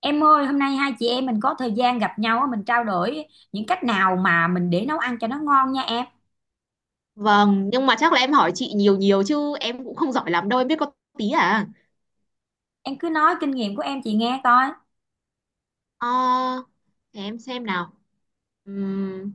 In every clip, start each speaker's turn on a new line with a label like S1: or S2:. S1: Em ơi, hôm nay hai chị em mình có thời gian gặp nhau á, mình trao đổi những cách nào mà mình để nấu ăn cho nó ngon nha em.
S2: Vâng, nhưng mà chắc là em hỏi chị nhiều nhiều chứ em cũng không giỏi lắm đâu, em biết có tí à.
S1: Em cứ nói kinh nghiệm của em chị nghe coi.
S2: Ờ, để em xem nào. Ừm,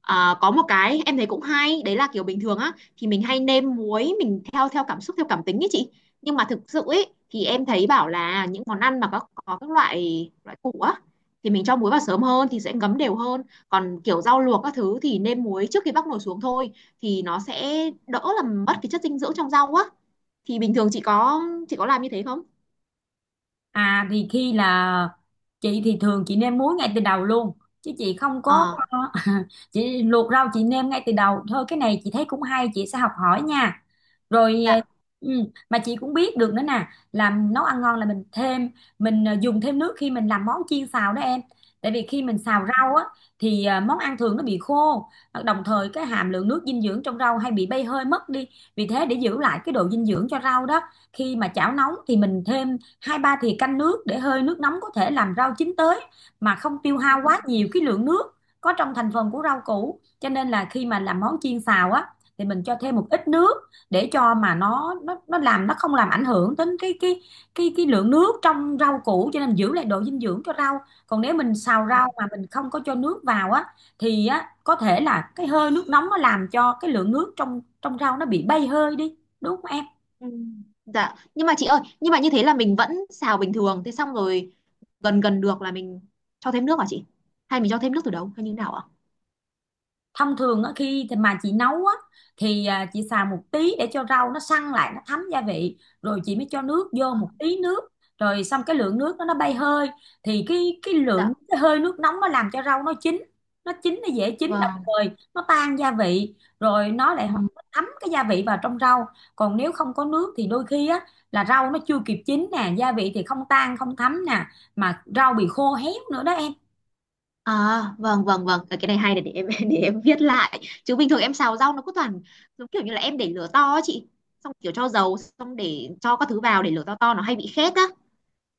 S2: có một cái em thấy cũng hay, đấy là kiểu bình thường á thì mình hay nêm muối mình theo theo cảm xúc theo cảm tính ấy chị. Nhưng mà thực sự ấy thì em thấy bảo là những món ăn mà có các loại loại củ á thì mình cho muối vào sớm hơn thì sẽ ngấm đều hơn. Còn kiểu rau luộc các thứ thì nêm muối trước khi bắc nồi xuống thôi thì nó sẽ đỡ làm mất cái chất dinh dưỡng trong rau á. Thì bình thường chị có làm như thế không?
S1: À thì khi là chị thì thường chị nêm muối ngay từ đầu luôn, chứ chị không có
S2: Ờ,
S1: chị luộc rau chị nêm ngay từ đầu thôi. Cái này chị thấy cũng hay, chị sẽ học hỏi nha. rồi ờ,
S2: dạ.
S1: ừ, mà chị cũng biết được nữa nè, làm nấu ăn ngon là mình thêm, dùng thêm nước khi mình làm món chiên xào đó em. Tại vì khi mình xào
S2: Có.
S1: rau á thì món ăn thường nó bị khô, đồng thời cái hàm lượng nước dinh dưỡng trong rau hay bị bay hơi mất đi. Vì thế để giữ lại cái độ dinh dưỡng cho rau đó, khi mà chảo nóng thì mình thêm hai ba thì canh nước để hơi nước nóng có thể làm rau chín tới mà không tiêu hao quá nhiều cái lượng nước có trong thành phần của rau củ. Cho nên là khi mà làm món chiên xào á thì mình cho thêm một ít nước để cho mà nó làm, nó không làm ảnh hưởng đến cái lượng nước trong rau củ, cho nên giữ lại độ dinh dưỡng cho rau. Còn nếu mình xào
S2: Ừ.
S1: rau mà mình không có cho nước vào á thì á có thể là cái hơi nước nóng nó làm cho cái lượng nước trong trong rau nó bị bay hơi đi, đúng không em?
S2: Ừ. Dạ, nhưng mà chị ơi, nhưng mà như thế là mình vẫn xào bình thường, thế xong rồi gần gần được là mình cho thêm nước hả chị? Hay mình cho thêm nước từ đầu hay như thế nào ạ?
S1: Thông thường á, khi thì mà chị nấu á, thì chị xào một tí để cho rau nó săn lại, nó thấm gia vị, rồi chị mới cho nước vô, một tí nước, rồi xong cái lượng nước đó nó bay hơi, thì cái cái
S2: Dạ,
S1: lượng cái hơi nước nóng nó làm cho rau nó chín, nó dễ chín, đồng
S2: vâng.
S1: thời nó tan gia vị, rồi nó lại
S2: Ừ.
S1: thấm cái gia vị vào trong rau. Còn nếu không có nước thì đôi khi á là rau nó chưa kịp chín nè, gia vị thì không tan không thấm nè, mà rau bị khô héo nữa đó em.
S2: À, vâng vâng vâng, Ờ, cái này hay này để em để em viết lại. Chứ bình thường em xào rau nó cứ toàn giống kiểu như là em để lửa to á chị, xong kiểu cho dầu, xong để cho các thứ vào để lửa to nó hay bị khét á.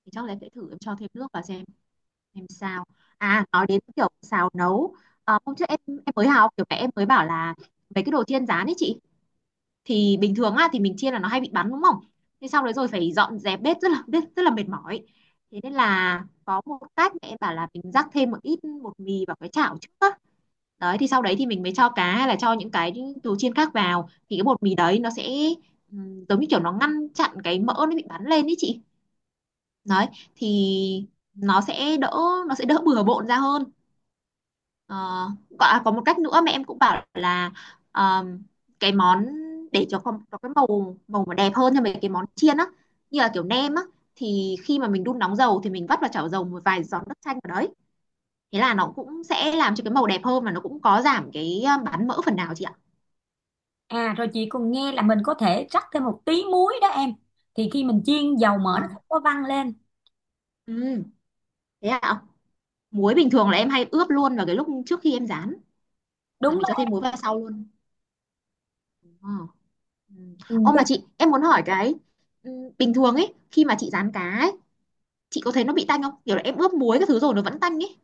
S2: Thì chắc là em sẽ thử em cho thêm nước vào xem em sao. À, nói đến kiểu xào nấu, à hôm trước em mới học kiểu mẹ em mới bảo là mấy cái đồ chiên rán ấy chị thì bình thường á thì mình chiên là nó hay bị bắn đúng không, thế xong đấy rồi phải dọn dẹp bếp rất là mệt mỏi. Thế nên là có một cách mẹ em bảo là mình rắc thêm một ít bột mì vào cái chảo trước á, đấy thì sau đấy thì mình mới cho cá hay là cho những cái đồ chiên khác vào thì cái bột mì đấy nó sẽ giống như kiểu nó ngăn chặn cái mỡ nó bị bắn lên ý chị, đấy thì nó sẽ đỡ nó sẽ đỡ bừa bộn ra hơn. Ờ, có có một cách nữa mà em cũng bảo là ờm, cái món để cho con có cái màu màu mà đẹp hơn cho mấy cái món chiên á, như là kiểu nem á, thì khi mà mình đun nóng dầu thì mình vắt vào chảo dầu một vài giọt nước chanh vào đấy, thế là nó cũng sẽ làm cho cái màu đẹp hơn và nó cũng có giảm cái bán mỡ phần nào chị ạ.
S1: À rồi chị còn nghe là mình có thể rắc thêm một tí muối đó em. Thì khi mình chiên, dầu mỡ nó
S2: Ờ,
S1: không có văng lên.
S2: ừ, thế ạ. Muối bình thường là em hay ướp luôn vào cái lúc trước khi em rán là
S1: Đúng
S2: mình
S1: đó.
S2: cho thêm muối vào sau luôn. Ờ, ừ.
S1: Ừ,
S2: Ô
S1: cho
S2: mà chị em muốn hỏi cái, ừ, bình thường ấy khi mà chị rán cá ấy chị có thấy nó bị tanh không, kiểu là em ướp muối các thứ rồi nó vẫn tanh ấy,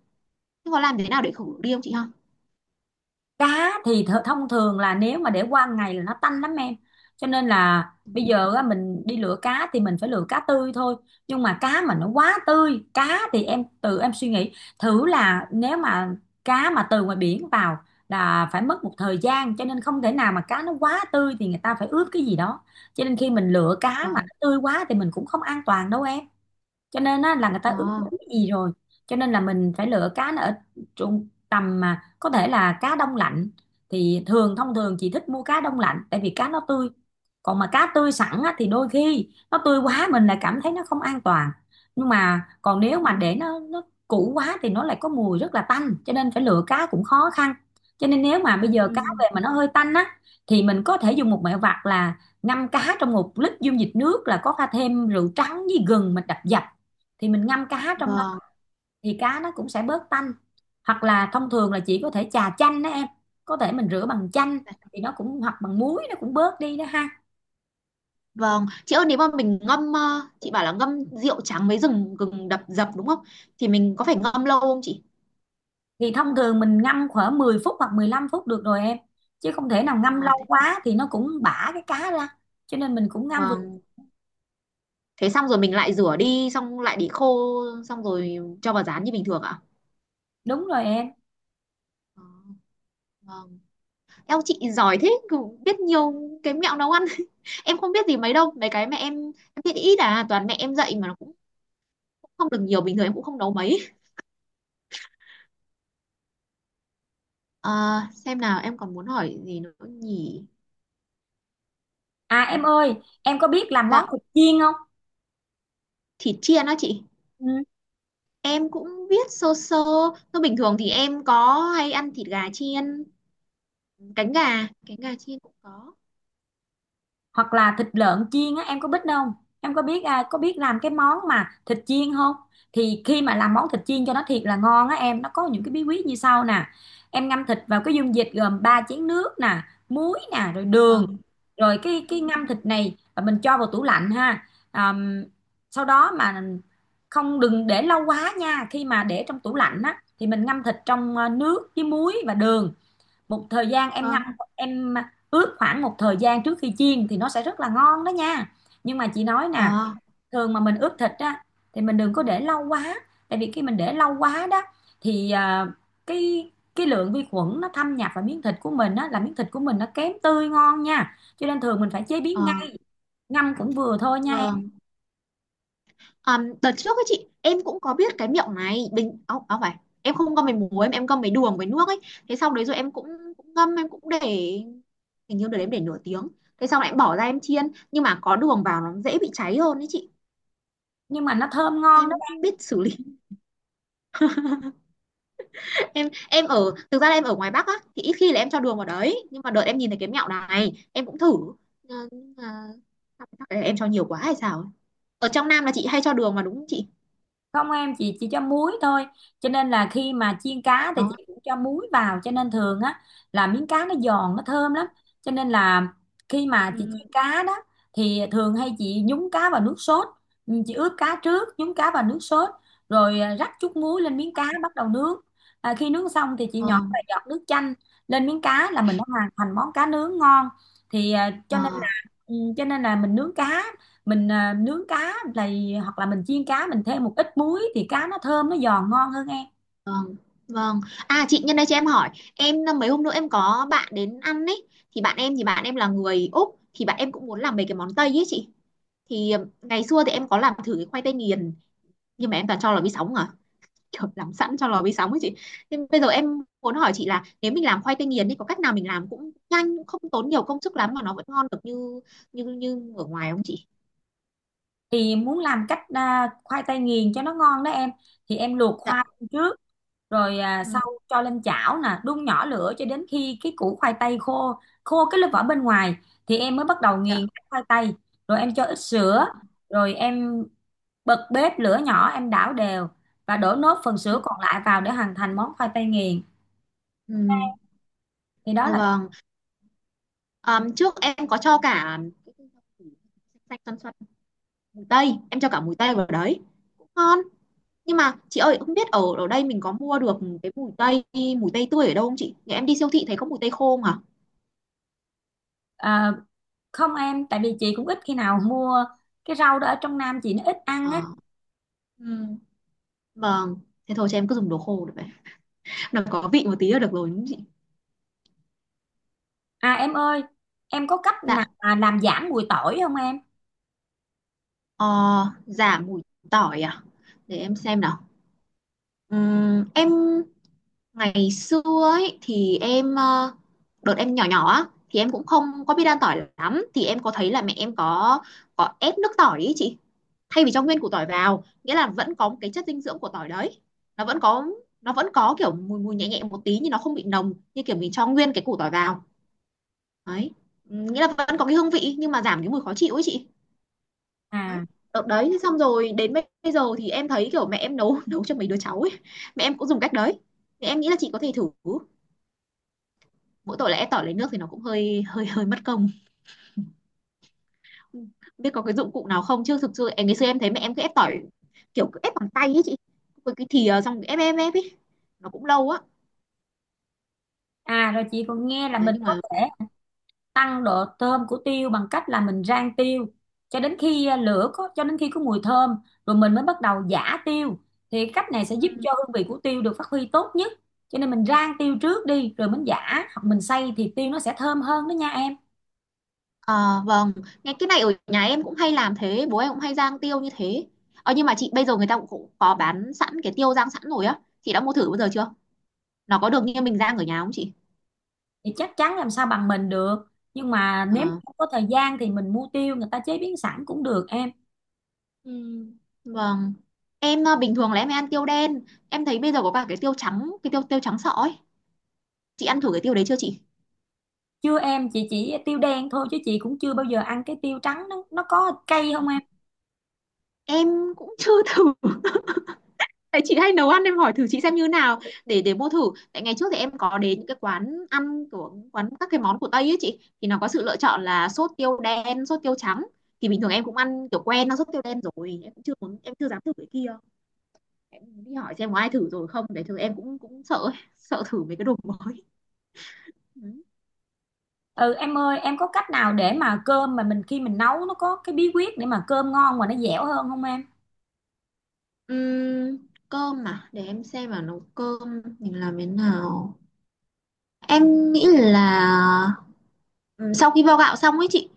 S2: nhưng mà làm thế nào để khử đi không chị ha?
S1: cá thì thông thường là nếu mà để qua ngày là nó tanh lắm em, cho nên là bây giờ á, mình đi lựa cá thì mình phải lựa cá tươi thôi. Nhưng mà cá mà nó quá tươi, cá thì em tự em suy nghĩ thử là nếu mà cá mà từ ngoài biển vào là phải mất một thời gian, cho nên không thể nào mà cá nó quá tươi, thì người ta phải ướp cái gì đó. Cho nên khi mình lựa cá mà
S2: Vâng.
S1: nó tươi quá thì mình cũng không an toàn đâu em, cho nên á, là người ta
S2: Ờ.
S1: ướp đến cái gì rồi. Cho nên là mình phải lựa cá nó ở trung tầm, mà có thể là cá đông lạnh. Thì thông thường chị thích mua cá đông lạnh, tại vì cá nó tươi. Còn mà cá tươi sẵn á, thì đôi khi nó tươi quá mình lại cảm thấy nó không an toàn. Nhưng mà còn
S2: Ừ.
S1: nếu mà để nó cũ quá thì nó lại có mùi rất là tanh, cho nên phải lựa cá cũng khó khăn. Cho nên nếu mà bây giờ cá
S2: Ừ.
S1: về mà nó hơi tanh á thì mình có thể dùng một mẹo vặt là ngâm cá trong một lít dung dịch nước, là có pha thêm rượu trắng với gừng mình đập dập, thì mình ngâm cá trong đó
S2: vâng
S1: thì cá nó cũng sẽ bớt tanh. Hoặc là thông thường là chỉ có thể chà chanh đó em, có thể mình rửa bằng chanh thì nó cũng, hoặc bằng muối nó cũng bớt đi đó ha.
S2: vâng chị ơi, nếu mà mình ngâm chị bảo là ngâm rượu trắng với gừng, đập dập đúng không, thì mình có phải ngâm lâu không chị?
S1: Thì thông thường mình ngâm khoảng 10 phút hoặc 15 phút được rồi em, chứ không thể nào ngâm
S2: Ờ,
S1: lâu
S2: thế,
S1: quá thì nó cũng bã cái cá ra, cho nên mình cũng ngâm vừa.
S2: vâng, thế xong rồi mình lại rửa đi xong lại để khô xong rồi cho vào rán như bình thường ạ.
S1: Đúng rồi em.
S2: Ờ, vâng. Eo chị giỏi thế cứ biết nhiều cái mẹo nấu ăn em không biết gì mấy đâu, mấy cái mẹ em biết ít à, toàn mẹ em dạy mà nó cũng không được nhiều, bình thường em cũng không nấu mấy. Ờ, xem nào em còn muốn hỏi gì nữa nhỉ.
S1: À em ơi, em có biết làm món
S2: Dạ,
S1: thịt chiên không?
S2: thịt chiên đó chị,
S1: Ừ.
S2: em cũng biết sơ sơ. Thôi bình thường thì em có hay ăn thịt gà chiên, cánh gà, chiên cũng có.
S1: Hoặc là thịt lợn chiên á, em có biết không? Em có biết có biết làm cái món mà thịt chiên không? Thì khi mà làm món thịt chiên cho nó thiệt là ngon á em, nó có những cái bí quyết như sau nè. Em ngâm thịt vào cái dung dịch gồm 3 chén nước nè, muối nè, rồi đường,
S2: Vâng.
S1: rồi cái
S2: Ừ.
S1: cái ngâm thịt này, và mình cho vào tủ lạnh ha. Àm, Sau đó mà không, đừng để lâu quá nha, khi mà để trong tủ lạnh á thì mình ngâm thịt trong nước với muối và đường một thời gian. Em ngâm,
S2: Vâng.
S1: em ướp khoảng một thời gian trước khi chiên thì nó sẽ rất là ngon đó nha. Nhưng mà chị nói nè,
S2: Ờ.
S1: thường mà mình ướp thịt á thì mình đừng có để lâu quá, tại vì khi mình để lâu quá đó thì cái cái lượng vi khuẩn nó thâm nhập vào miếng thịt của mình á, là miếng thịt của mình nó kém tươi ngon nha, cho nên thường mình phải chế
S2: Ờ.
S1: biến ngay. Ngâm cũng vừa thôi nha em.
S2: Vâng. Đợt trước ấy chị em cũng có biết cái miệng này bình áo áo phải, em không ngâm với muối, em ngâm với đường với nước ấy, thế sau đấy rồi em cũng, cũng ngâm em cũng để, hình như đợt đấy em để nửa tiếng, thế sau lại em bỏ ra em chiên, nhưng mà có đường vào nó dễ bị cháy hơn đấy chị,
S1: Nhưng mà nó thơm ngon.
S2: em không biết xử lý. Em ở thực ra là em ở ngoài Bắc á thì ít khi là em cho đường vào đấy, nhưng mà đợt em nhìn thấy cái mẹo này em cũng thử. Ờ, nhưng mà chắc là em cho nhiều quá hay sao ấy. Ở trong Nam là chị hay cho đường mà đúng không chị?
S1: Không em, chị chỉ cho muối thôi, cho nên là khi mà chiên cá thì
S2: Ờ.
S1: chị cũng cho muối vào, cho nên thường á là miếng cá nó giòn nó thơm lắm. Cho nên là khi mà chị
S2: Ừ.
S1: chiên cá đó thì thường hay chị nhúng cá vào nước sốt. Ừ, chị ướp cá trước, nhúng cá vào nước sốt, rồi rắc chút muối lên miếng cá bắt đầu nướng. À, khi nướng xong thì chị
S2: Ờ.
S1: nhỏ vài giọt nước chanh lên miếng cá là mình đã hoàn thành món cá nướng ngon. Thì
S2: Ờ.
S1: cho nên là mình nướng cá, mình à, nướng cá là hoặc là mình chiên cá, mình thêm một ít muối thì cá nó thơm nó giòn ngon hơn em.
S2: Vâng, vâng. À chị nhân đây cho em hỏi, em mấy hôm nữa em có bạn đến ăn ấy, thì bạn em là người Úc, thì bạn em cũng muốn làm mấy cái món Tây ấy chị. Thì ngày xưa thì em có làm thử cái khoai tây nghiền, nhưng mà em toàn cho lò vi sóng à. Kiểu làm sẵn cho lò vi sóng ấy chị. Nhưng bây giờ em muốn hỏi chị là nếu mình làm khoai tây nghiền thì có cách nào mình làm cũng nhanh, cũng không tốn nhiều công sức lắm mà nó vẫn ngon được như như như ở ngoài không chị?
S1: Thì muốn làm cách, khoai tây nghiền cho nó ngon đó em, thì em luộc
S2: Dạ.
S1: khoai trước, rồi à,
S2: Ừ,
S1: sau cho lên chảo nè, đun nhỏ lửa cho đến khi cái củ khoai tây khô khô cái lớp vỏ bên ngoài, thì em mới bắt đầu
S2: dạ.
S1: nghiền cái khoai tây, rồi em cho ít
S2: Ờ,
S1: sữa, rồi em bật bếp lửa nhỏ, em đảo đều và đổ nốt phần
S2: Ừ,
S1: sữa còn lại vào để hoàn thành món khoai tây nghiền.
S2: ừ,
S1: Thì đó
S2: dạ vâng. Ờ, trước em có cho cả xanh xanh xoăn tây, em cho cả mùi tây vào đấy cũng ngon, nhưng mà chị ơi không biết ở ở đây mình có mua được cái mùi tây tươi ở đâu không chị, nhà em đi siêu thị thấy có mùi tây khô mà.
S1: là, không em, tại vì chị cũng ít khi nào mua cái rau đó, ở trong Nam chị nó ít ăn
S2: Ờ.
S1: á.
S2: Ừm, vâng, thế thôi cho em cứ dùng đồ khô được vậy, nó có vị một tí là được rồi đúng không chị?
S1: À em ơi, em có cách nào
S2: Dạ.
S1: mà làm giảm mùi tỏi không em?
S2: Ờ, giảm mùi tỏi à, để em xem nào. Em ngày xưa ấy thì em đợt em nhỏ nhỏ á thì em cũng không có biết ăn tỏi lắm, thì em có thấy là mẹ em có ép nước tỏi ý chị, thay vì cho nguyên củ tỏi vào, nghĩa là vẫn có cái chất dinh dưỡng của tỏi đấy, nó vẫn có nó vẫn có kiểu mùi mùi nhẹ nhẹ một tí nhưng nó không bị nồng như kiểu mình cho nguyên cái củ tỏi vào đấy. Ừ, nghĩa là vẫn có cái hương vị nhưng mà giảm cái mùi khó chịu ấy chị,
S1: À,
S2: đấy. Đấy xong rồi đến bây bây giờ thì em thấy kiểu mẹ em nấu nấu cho mấy đứa cháu ấy, mẹ em cũng dùng cách đấy, thì em nghĩ là chị có thể thử. Mỗi tội là ép tỏi lấy nước thì nó cũng hơi hơi hơi mất công. Ừ. Biết có cái dụng cụ nào không chứ thực sự em ngày xưa em thấy mẹ em cứ ép tỏi, kiểu cứ ép bằng tay ấy chị, với cái thìa xong ép ép ép ấy, nó cũng lâu á,
S1: à rồi chị còn nghe là
S2: đấy
S1: mình
S2: nhưng
S1: có
S2: mà.
S1: thể tăng độ thơm của tiêu bằng cách là mình rang tiêu cho đến khi à, lửa có cho đến khi có mùi thơm, rồi mình mới bắt đầu giã tiêu, thì cách này sẽ
S2: Ừ.
S1: giúp cho hương vị của tiêu được phát huy tốt nhất. Cho nên mình rang tiêu trước đi rồi mình giã, hoặc mình xay, thì tiêu nó sẽ thơm hơn đó nha em.
S2: À, vâng, nghe cái này ở nhà em cũng hay làm thế, bố em cũng hay rang tiêu như thế. Ờ nhưng mà chị bây giờ người ta cũng cũng có bán sẵn cái tiêu rang sẵn rồi á chị, đã mua thử bao giờ chưa, nó có được như mình rang ở nhà không chị?
S1: Thì chắc chắn làm sao bằng mình được, nhưng mà nếu mà
S2: Ờ.
S1: không có thời gian thì mình mua tiêu người ta chế biến sẵn cũng được em.
S2: Ừ. Vâng. Em à, bình thường là em hay ăn tiêu đen. Em thấy bây giờ có cả cái tiêu trắng, cái tiêu tiêu trắng sọ ấy. Chị ăn thử cái tiêu đấy chưa chị?
S1: Chưa em, chị chỉ tiêu đen thôi, chứ chị cũng chưa bao giờ ăn cái tiêu trắng, nó có cay không em?
S2: Em cũng chưa thử, tại chị hay nấu ăn em hỏi thử chị xem như nào, để mua thử. Tại ngày trước thì em có đến những cái quán ăn của quán các cái món của Tây ấy chị, thì nó có sự lựa chọn là sốt tiêu đen sốt tiêu trắng, thì bình thường em cũng ăn kiểu quen nó sốt tiêu đen rồi, em cũng chưa muốn em chưa dám thử cái kia, em đi hỏi xem có ai thử rồi không để thử, em cũng cũng sợ ấy, sợ thử mấy cái đồ mới. Ừ.
S1: Ừ em ơi, em có cách nào để mà cơm mà mình khi mình nấu, nó có cái bí quyết để mà cơm ngon mà nó dẻo hơn không em?
S2: Ừm, cơm mà để em xem mà nấu cơm mình làm thế nào, em nghĩ là, ừ, sau khi vo gạo xong ấy chị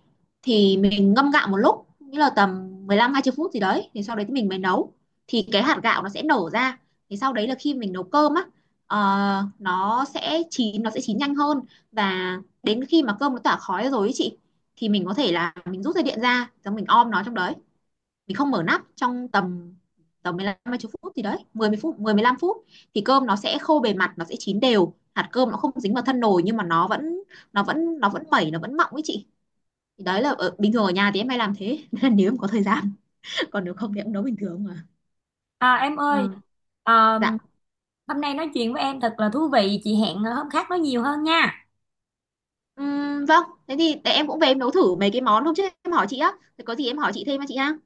S2: thì mình ngâm gạo một lúc, nghĩa là tầm 15 hai 20 phút gì đấy thì sau đấy thì mình mới nấu, thì cái hạt gạo nó sẽ nở ra, thì sau đấy là khi mình nấu cơm á, ờ, nó sẽ chín nhanh hơn, và đến khi mà cơm nó tỏa khói rồi ấy chị thì mình có thể là mình rút dây điện ra rồi mình om nó trong đấy, mình không mở nắp trong tầm tầm 15 20 phút, thì đấy 10 phút, 10 15 phút, thì cơm nó sẽ khô bề mặt, nó sẽ chín đều, hạt cơm nó không dính vào thân nồi nhưng mà nó vẫn nó vẫn mẩy, nó vẫn mọng ấy chị. Thì đấy là ở, bình thường ở nhà thì em hay làm thế. Nên là nếu em có thời gian còn nếu không thì em nấu bình thường mà.
S1: À em ơi,
S2: Ừ.
S1: à,
S2: Dạ.
S1: hôm nay nói chuyện với em thật là thú vị, chị hẹn hôm khác nói nhiều hơn nha.
S2: Vâng thế thì để em cũng về em nấu thử mấy cái món hôm trước em hỏi chị á, thì có gì em hỏi chị thêm á chị ha.